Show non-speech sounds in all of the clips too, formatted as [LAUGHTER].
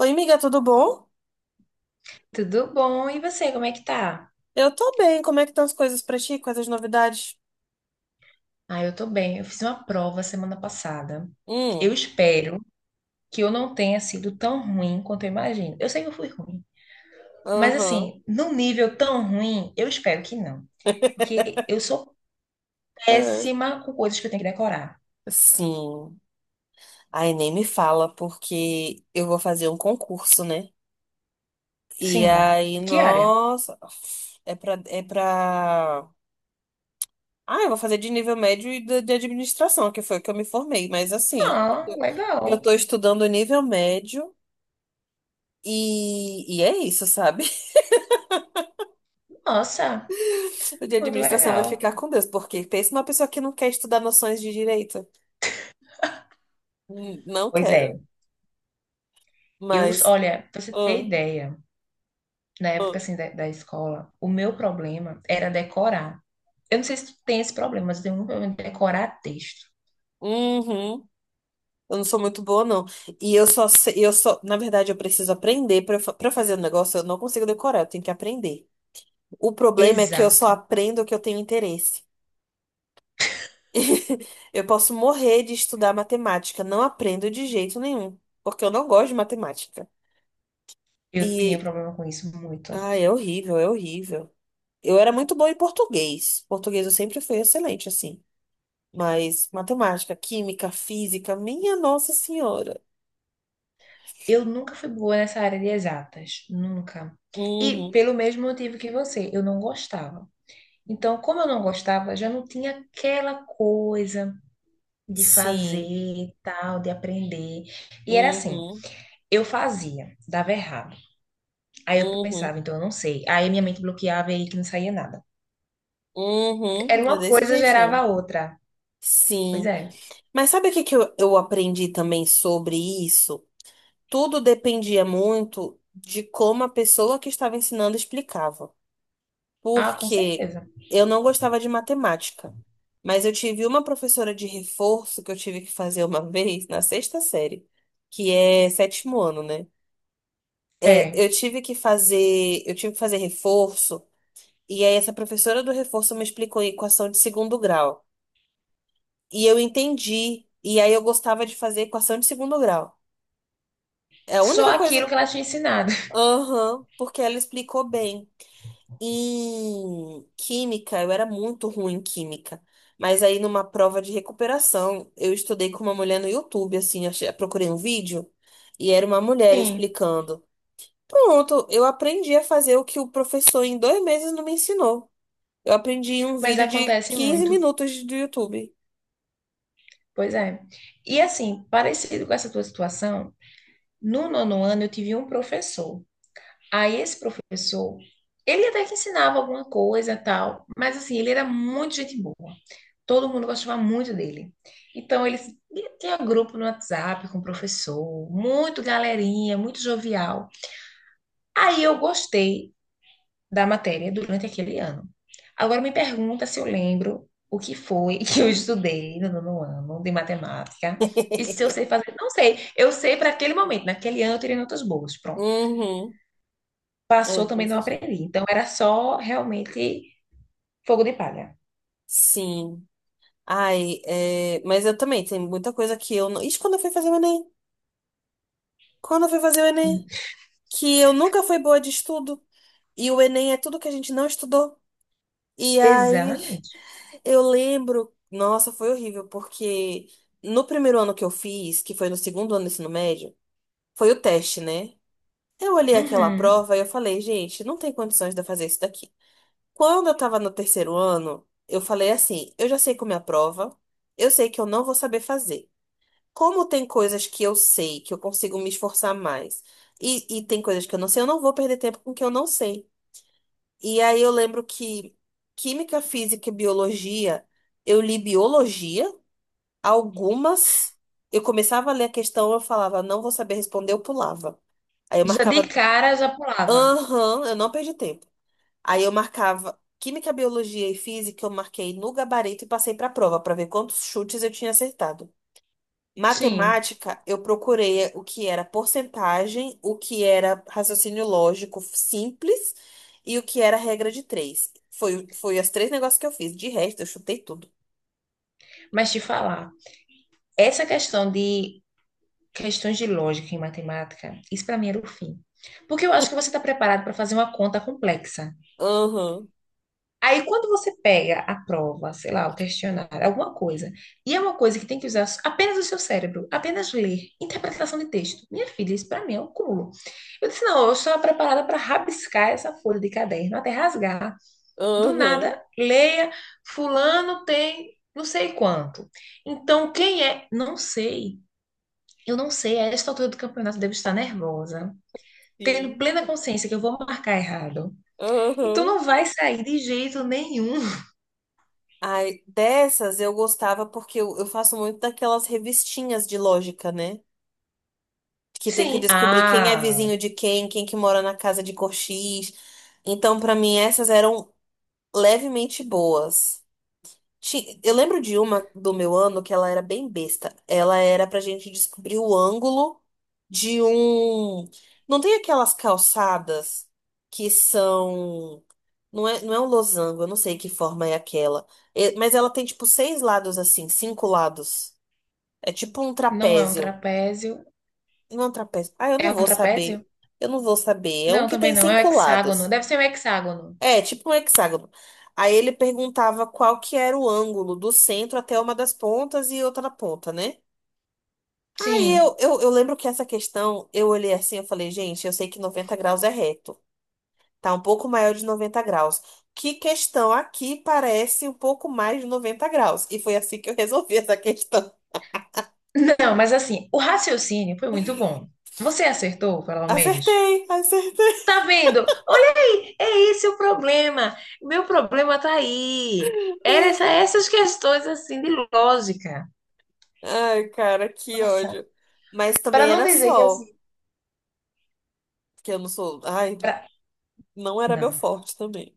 Oi, amiga, tudo bom? Tudo bom? E você, como é que tá? Eu tô bem. Como é que estão as coisas pra ti? Quais as novidades? Ah, eu tô bem. Eu fiz uma prova semana passada. Eu Hum, espero que eu não tenha sido tão ruim quanto eu imagino. Eu sei que eu fui ruim, mas aham. assim, num nível tão ruim, eu espero que não, porque [LAUGHS] eu sou É. péssima com coisas que eu tenho que decorar. Sim. Aí nem me fala, porque eu vou fazer um concurso, né? E Sim. aí, Que área? nossa, é pra, é pra... Ah, eu vou fazer de nível médio e de administração, que foi o que eu me formei. Mas assim, eu Ah, tô, eu legal. tô estudando nível médio e é isso, sabe? Nossa, De muito administração vai legal. ficar com Deus, porque pensa uma pessoa que não quer estudar noções de direito. Hum. Não Pois quero, é. Eu, mas. olha, pra você ter ah, ideia, na época ah, assim da escola, o meu problema era decorar. Eu não sei se tu tem esse problema, mas eu tenho muito problema de decorar texto. uhum, eu não sou muito boa, não. E eu só sei, eu só, na verdade, eu preciso aprender para fazer o negócio, eu não consigo decorar, eu tenho que aprender. O problema é que eu só Exato. aprendo o que eu tenho interesse. [LAUGHS] Eu posso morrer de estudar matemática, não aprendo de jeito nenhum, porque eu não gosto de matemática. Eu tinha E, problema com isso muito. ah, é horrível, é horrível. Eu era muito boa em português. Português eu sempre fui excelente, assim. Mas matemática, química, física, minha Nossa Senhora. Eu nunca fui boa nessa área de exatas, nunca. E Uhum, pelo mesmo motivo que você, eu não gostava. Então, como eu não gostava, já não tinha aquela coisa de fazer, sim. e tal, de aprender. E era assim, Uhum, eu fazia, dava errado. Aí eu uhum, pensava, então eu não sei. Aí minha mente bloqueava e aí que não saía nada. Era uhum. É, uma desse coisa, gerava a jeitinho. outra. Pois Sim. é. Mas sabe o que que eu aprendi também sobre isso? Tudo dependia muito de como a pessoa que estava ensinando explicava, Ah, com porque certeza. eu não gostava de matemática, mas eu tive uma professora de reforço que eu tive que fazer uma [LAUGHS] vez na sexta série, que é sétimo ano, né? É, É, eu tive que fazer reforço, e aí essa professora do reforço me explicou a equação de segundo grau. E eu entendi, e aí eu gostava de fazer equação de segundo grau. É a única só coisa. aquilo que ela tinha ensinado. [LAUGHS] Aham, porque ela explicou bem. Em química, eu era muito ruim em química. Mas aí, numa prova de recuperação, eu estudei com uma mulher no YouTube, assim, procurei um vídeo e era uma mulher Sim, explicando. Pronto, eu aprendi a fazer o que o professor em 2 meses não me ensinou. Eu aprendi em um mas vídeo de acontece 15 muito. minutos do YouTube. Pois é. E assim, parecido com essa tua situação, no nono ano eu tive um professor. Aí esse professor, ele até que ensinava alguma coisa e tal, mas assim, ele era muito gente boa. Todo mundo gostava muito dele. Então ele tinha grupo no WhatsApp com o professor, muito galerinha, muito jovial. Aí eu gostei da matéria durante aquele ano. Agora me pergunta se eu lembro o que foi [LAUGHS] que eu estudei no nono ano de matemática e se eu sei fazer. Não sei, eu sei para aquele momento, naquele ano eu tirei notas boas, pronto. Uhum. É, Passou também não desse jeito. aprendi, então era só realmente fogo de palha. Sim. Ai, é, mas eu também, tem muita coisa que eu não. Isso quando eu fui fazer o Enem. Quando eu fui fazer o Enem. Que eu nunca fui boa de estudo. E o Enem é tudo que a gente não estudou. E aí Exatamente. eu lembro, nossa, foi horrível, porque no primeiro ano que eu fiz, que foi no segundo ano do ensino médio, foi o teste, né? Eu olhei aquela Uhum. prova e eu falei, gente, não tem condições de eu fazer isso daqui. Quando eu tava no terceiro ano, eu falei assim, eu já sei como é a prova, eu sei que eu não vou saber fazer. Como tem coisas que eu sei, que eu consigo me esforçar mais, e tem coisas que eu não sei, eu não vou perder tempo com o que eu não sei. E aí eu lembro que química, física e biologia, eu li biologia, algumas. Eu começava a ler a questão, eu falava, não vou saber responder, eu pulava. Aí eu Já de marcava, cara já pulava. aham, eu não perdi tempo. Aí eu marcava química, biologia e física, eu marquei no gabarito e passei para a prova para ver quantos chutes eu tinha acertado. Sim, Matemática, eu procurei o que era porcentagem, o que era raciocínio lógico simples e o que era regra de três. Foi os três negócios que eu fiz. De resto, eu chutei tudo. mas te falar, essa questão de questões de lógica em matemática, isso para mim era o fim. Porque eu acho que você está preparado para fazer uma conta complexa. Aham, Aí, quando você pega a prova, sei lá, o questionário, alguma coisa, e é uma coisa que tem que usar apenas o seu cérebro, apenas ler, interpretação de texto. Minha filha, isso para mim é um cúmulo. Eu disse, não, eu estou preparada para rabiscar essa folha de caderno, até rasgar. Do aham, nada, leia, fulano tem não sei quanto. Então, quem é? Não sei. Eu não sei, a esta altura do campeonato eu devo estar nervosa, tendo sim, plena consciência que eu vou marcar errado. Então aham. não vai sair de jeito nenhum. Ai, dessas eu gostava porque eu faço muito daquelas revistinhas de lógica, né? Que tem que Sim, descobrir quem é ah, vizinho de quem, quem que mora na casa de cor X. Então, pra mim, essas eram levemente boas. Eu lembro de uma do meu ano que ela era bem besta. Ela era pra gente descobrir o ângulo de um. Não tem aquelas calçadas que são. Não é, não é um losango, eu não sei que forma é aquela. É, mas ela tem tipo seis lados assim, cinco lados. É tipo um não é um trapézio. trapézio. Não é um trapézio. Ah, eu É não um vou trapézio? saber. Eu não vou saber. É um Não, que também tem não, é um cinco hexágono. lados. Deve ser um hexágono. É, tipo um hexágono. Aí ele perguntava qual que era o ângulo do centro até uma das pontas e outra na ponta, né? Aí Sim. eu lembro que essa questão, eu olhei assim, eu falei, gente, eu sei que 90 graus é reto. Tá um pouco maior de 90 graus. Que questão aqui parece um pouco mais de 90 graus? E foi assim que eu resolvi essa questão. Não, mas assim, o raciocínio foi muito bom. Você acertou, pelo menos. Acertei, acertei. Tá vendo? Olha aí, é esse o problema. Meu problema tá aí. Era essa, [LAUGHS] essas questões assim de lógica. Ai, cara, que Nossa, ódio. Mas para também não era dizer que sol, assim, que eu não sou. Ai, pra- não era meu não. forte também.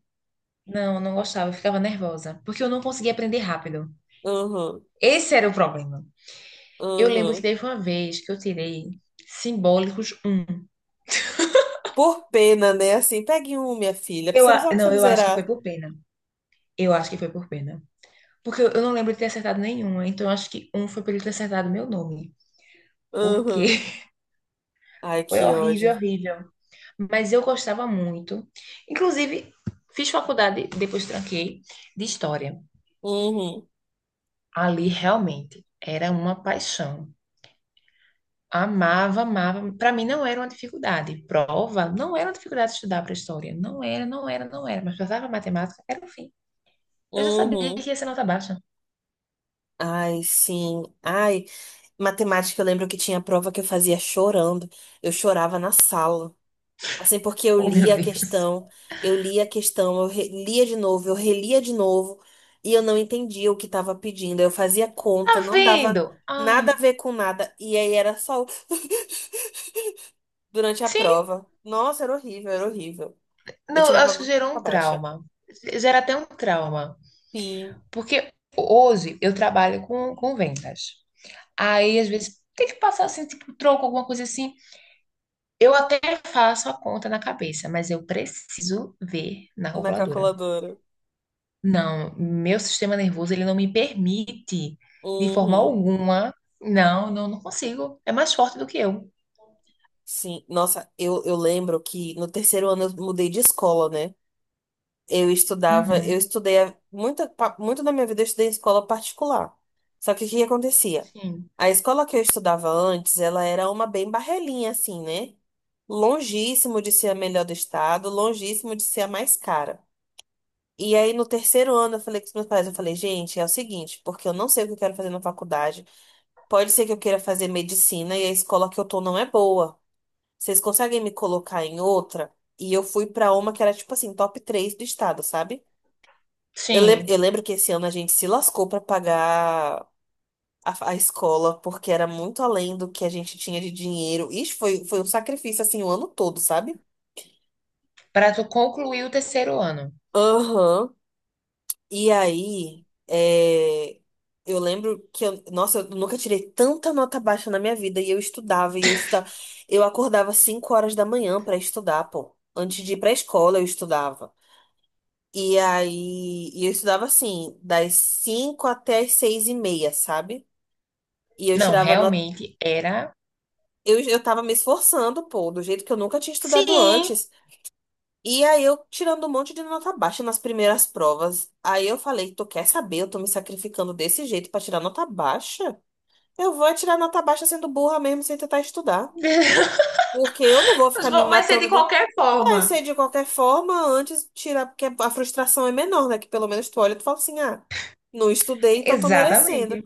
Não, não gostava, eu ficava nervosa, porque eu não conseguia aprender rápido. Aham. Esse era o problema. Eu lembro que Uhum. teve uma vez que eu tirei simbólicos um. Por pena, né? Assim, pegue um, minha filha, Eu, só pra você não, não eu acho que foi zerar. por pena. Eu acho que foi por pena. Porque eu não lembro de ter acertado nenhuma, então eu acho que um foi por ele ter acertado meu nome. Porque Uhum. [LAUGHS] Ai, foi que horrível, ódio. horrível. Mas eu gostava muito. Inclusive, fiz faculdade, depois tranquei, de história. Uhum. Ali realmente era uma paixão. Amava, amava. Para mim não era uma dificuldade. Prova não era uma dificuldade estudar para história. Não era, não era, não era. Mas passava matemática, era o fim. Eu já sabia Uhum. que ia ser nota baixa. Ai, sim. Ai, matemática, eu lembro que tinha prova que eu fazia chorando. Eu chorava na sala. Assim, porque Oh, meu Deus. [LAUGHS] Eu lia a questão, eu re- lia de novo, eu relia de novo, e eu não entendia o que estava pedindo. Eu fazia conta, Tá não dava vendo? Ai, nada a ver com nada, e aí era só o [LAUGHS] durante a sim. prova. Nossa, era horrível, era horrível. Eu Não, eu tirava acho que muito gerou nota um baixa. trauma. Gera até um trauma. Sim, Porque hoje eu trabalho com vendas. Aí, às vezes, tem que passar assim, tipo, troco, alguma coisa assim. Eu até faço a conta na cabeça, mas eu preciso ver na na calculadora. calculadora. Não, meu sistema nervoso ele não me permite de forma Uhum. alguma. Não, não, não consigo. É mais forte do que eu. Sim. Nossa, eu lembro que no terceiro ano eu mudei de escola, né? Eu estudava, Uhum, eu estudei a- muito da minha vida eu estudei em escola particular. Só que o que acontecia? sim. A escola que eu estudava antes, ela era uma bem barrelinha, assim, né? Longíssimo de ser a melhor do estado, longíssimo de ser a mais cara. E aí, no terceiro ano, eu falei com os meus pais, eu falei, gente, é o seguinte, porque eu não sei o que eu quero fazer na faculdade. Pode ser que eu queira fazer medicina e a escola que eu tô não é boa. Vocês conseguem me colocar em outra? E eu fui pra uma que era tipo assim, top 3 do estado, sabe? Eu, lem- Sim. eu lembro que esse ano a gente se lascou pra pagar a escola, porque era muito além do que a gente tinha de dinheiro. Isso foi, foi um sacrifício assim o ano todo, sabe? Para tu concluir o terceiro ano. Aham. E aí, é, eu lembro que eu, nossa, eu nunca tirei tanta nota baixa na minha vida e eu estudava e eu estudava. Eu acordava 5 horas da manhã pra estudar, pô. Antes de ir pra escola, eu estudava. E aí, e eu estudava assim, das 5 até as 6 e meia, sabe? E eu Não, tirava nota. realmente era. Eu tava me esforçando, pô, do jeito que eu nunca tinha estudado Sim. antes. E aí eu tirando um monte de nota baixa nas primeiras provas. Aí eu falei, tu quer saber? Eu tô me sacrificando desse jeito pra tirar nota baixa? Eu vou é tirar nota baixa sendo burra mesmo, sem tentar estudar. [LAUGHS] Porque eu não vou Mas ficar me vai ser de matando de... qualquer Vai forma. ser de qualquer forma, antes tirar, porque a frustração é menor, né? Que pelo menos tu olha e tu fala assim, ah, não estudei, então tô merecendo. Exatamente.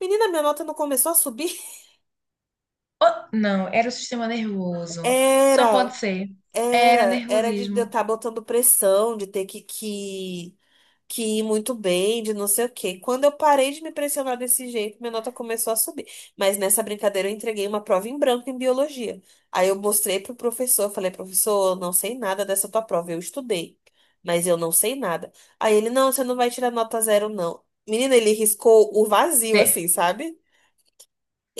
Menina, minha nota não começou a subir? Oh, não, era o sistema [LAUGHS] nervoso. Só pode Era, ser. Era era de eu nervosismo. estar botando pressão, de ter que muito bem, de não sei o quê. Quando eu parei de me pressionar desse jeito, minha nota começou a subir. Mas nessa brincadeira eu entreguei uma prova em branco em biologia. Aí eu mostrei pro professor, falei, professor, eu não sei nada dessa tua prova, eu estudei, mas eu não sei nada. Aí ele, não, você não vai tirar nota zero, não. Menina, ele riscou o vazio, Te- assim, sabe?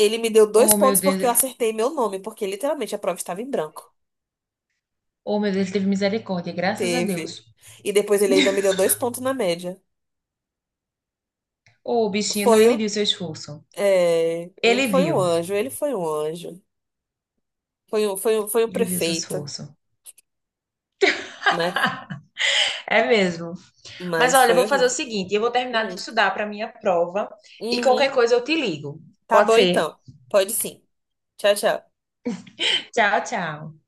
Ele me deu dois Oh, meu pontos porque eu Deus. acertei meu nome, porque literalmente a prova estava em branco. Oh, meu Deus, teve misericórdia, graças a Teve. Deus. E depois ele ainda me deu [LAUGHS] 2 pontos na média. Ô, bichinho, não, Foi ele viu seu esforço. É, ele Ele foi um viu. anjo, ele foi um anjo. Foi o Ele viu seu prefeito, esforço. mas, É mesmo. Mas mas olha, eu foi vou fazer o horrível. seguinte, eu vou terminar Hum, de estudar para minha prova e qualquer uhum. coisa eu te ligo. Tá Pode bom ser? então. Pode sim. Tchau, tchau. Tchau, tchau.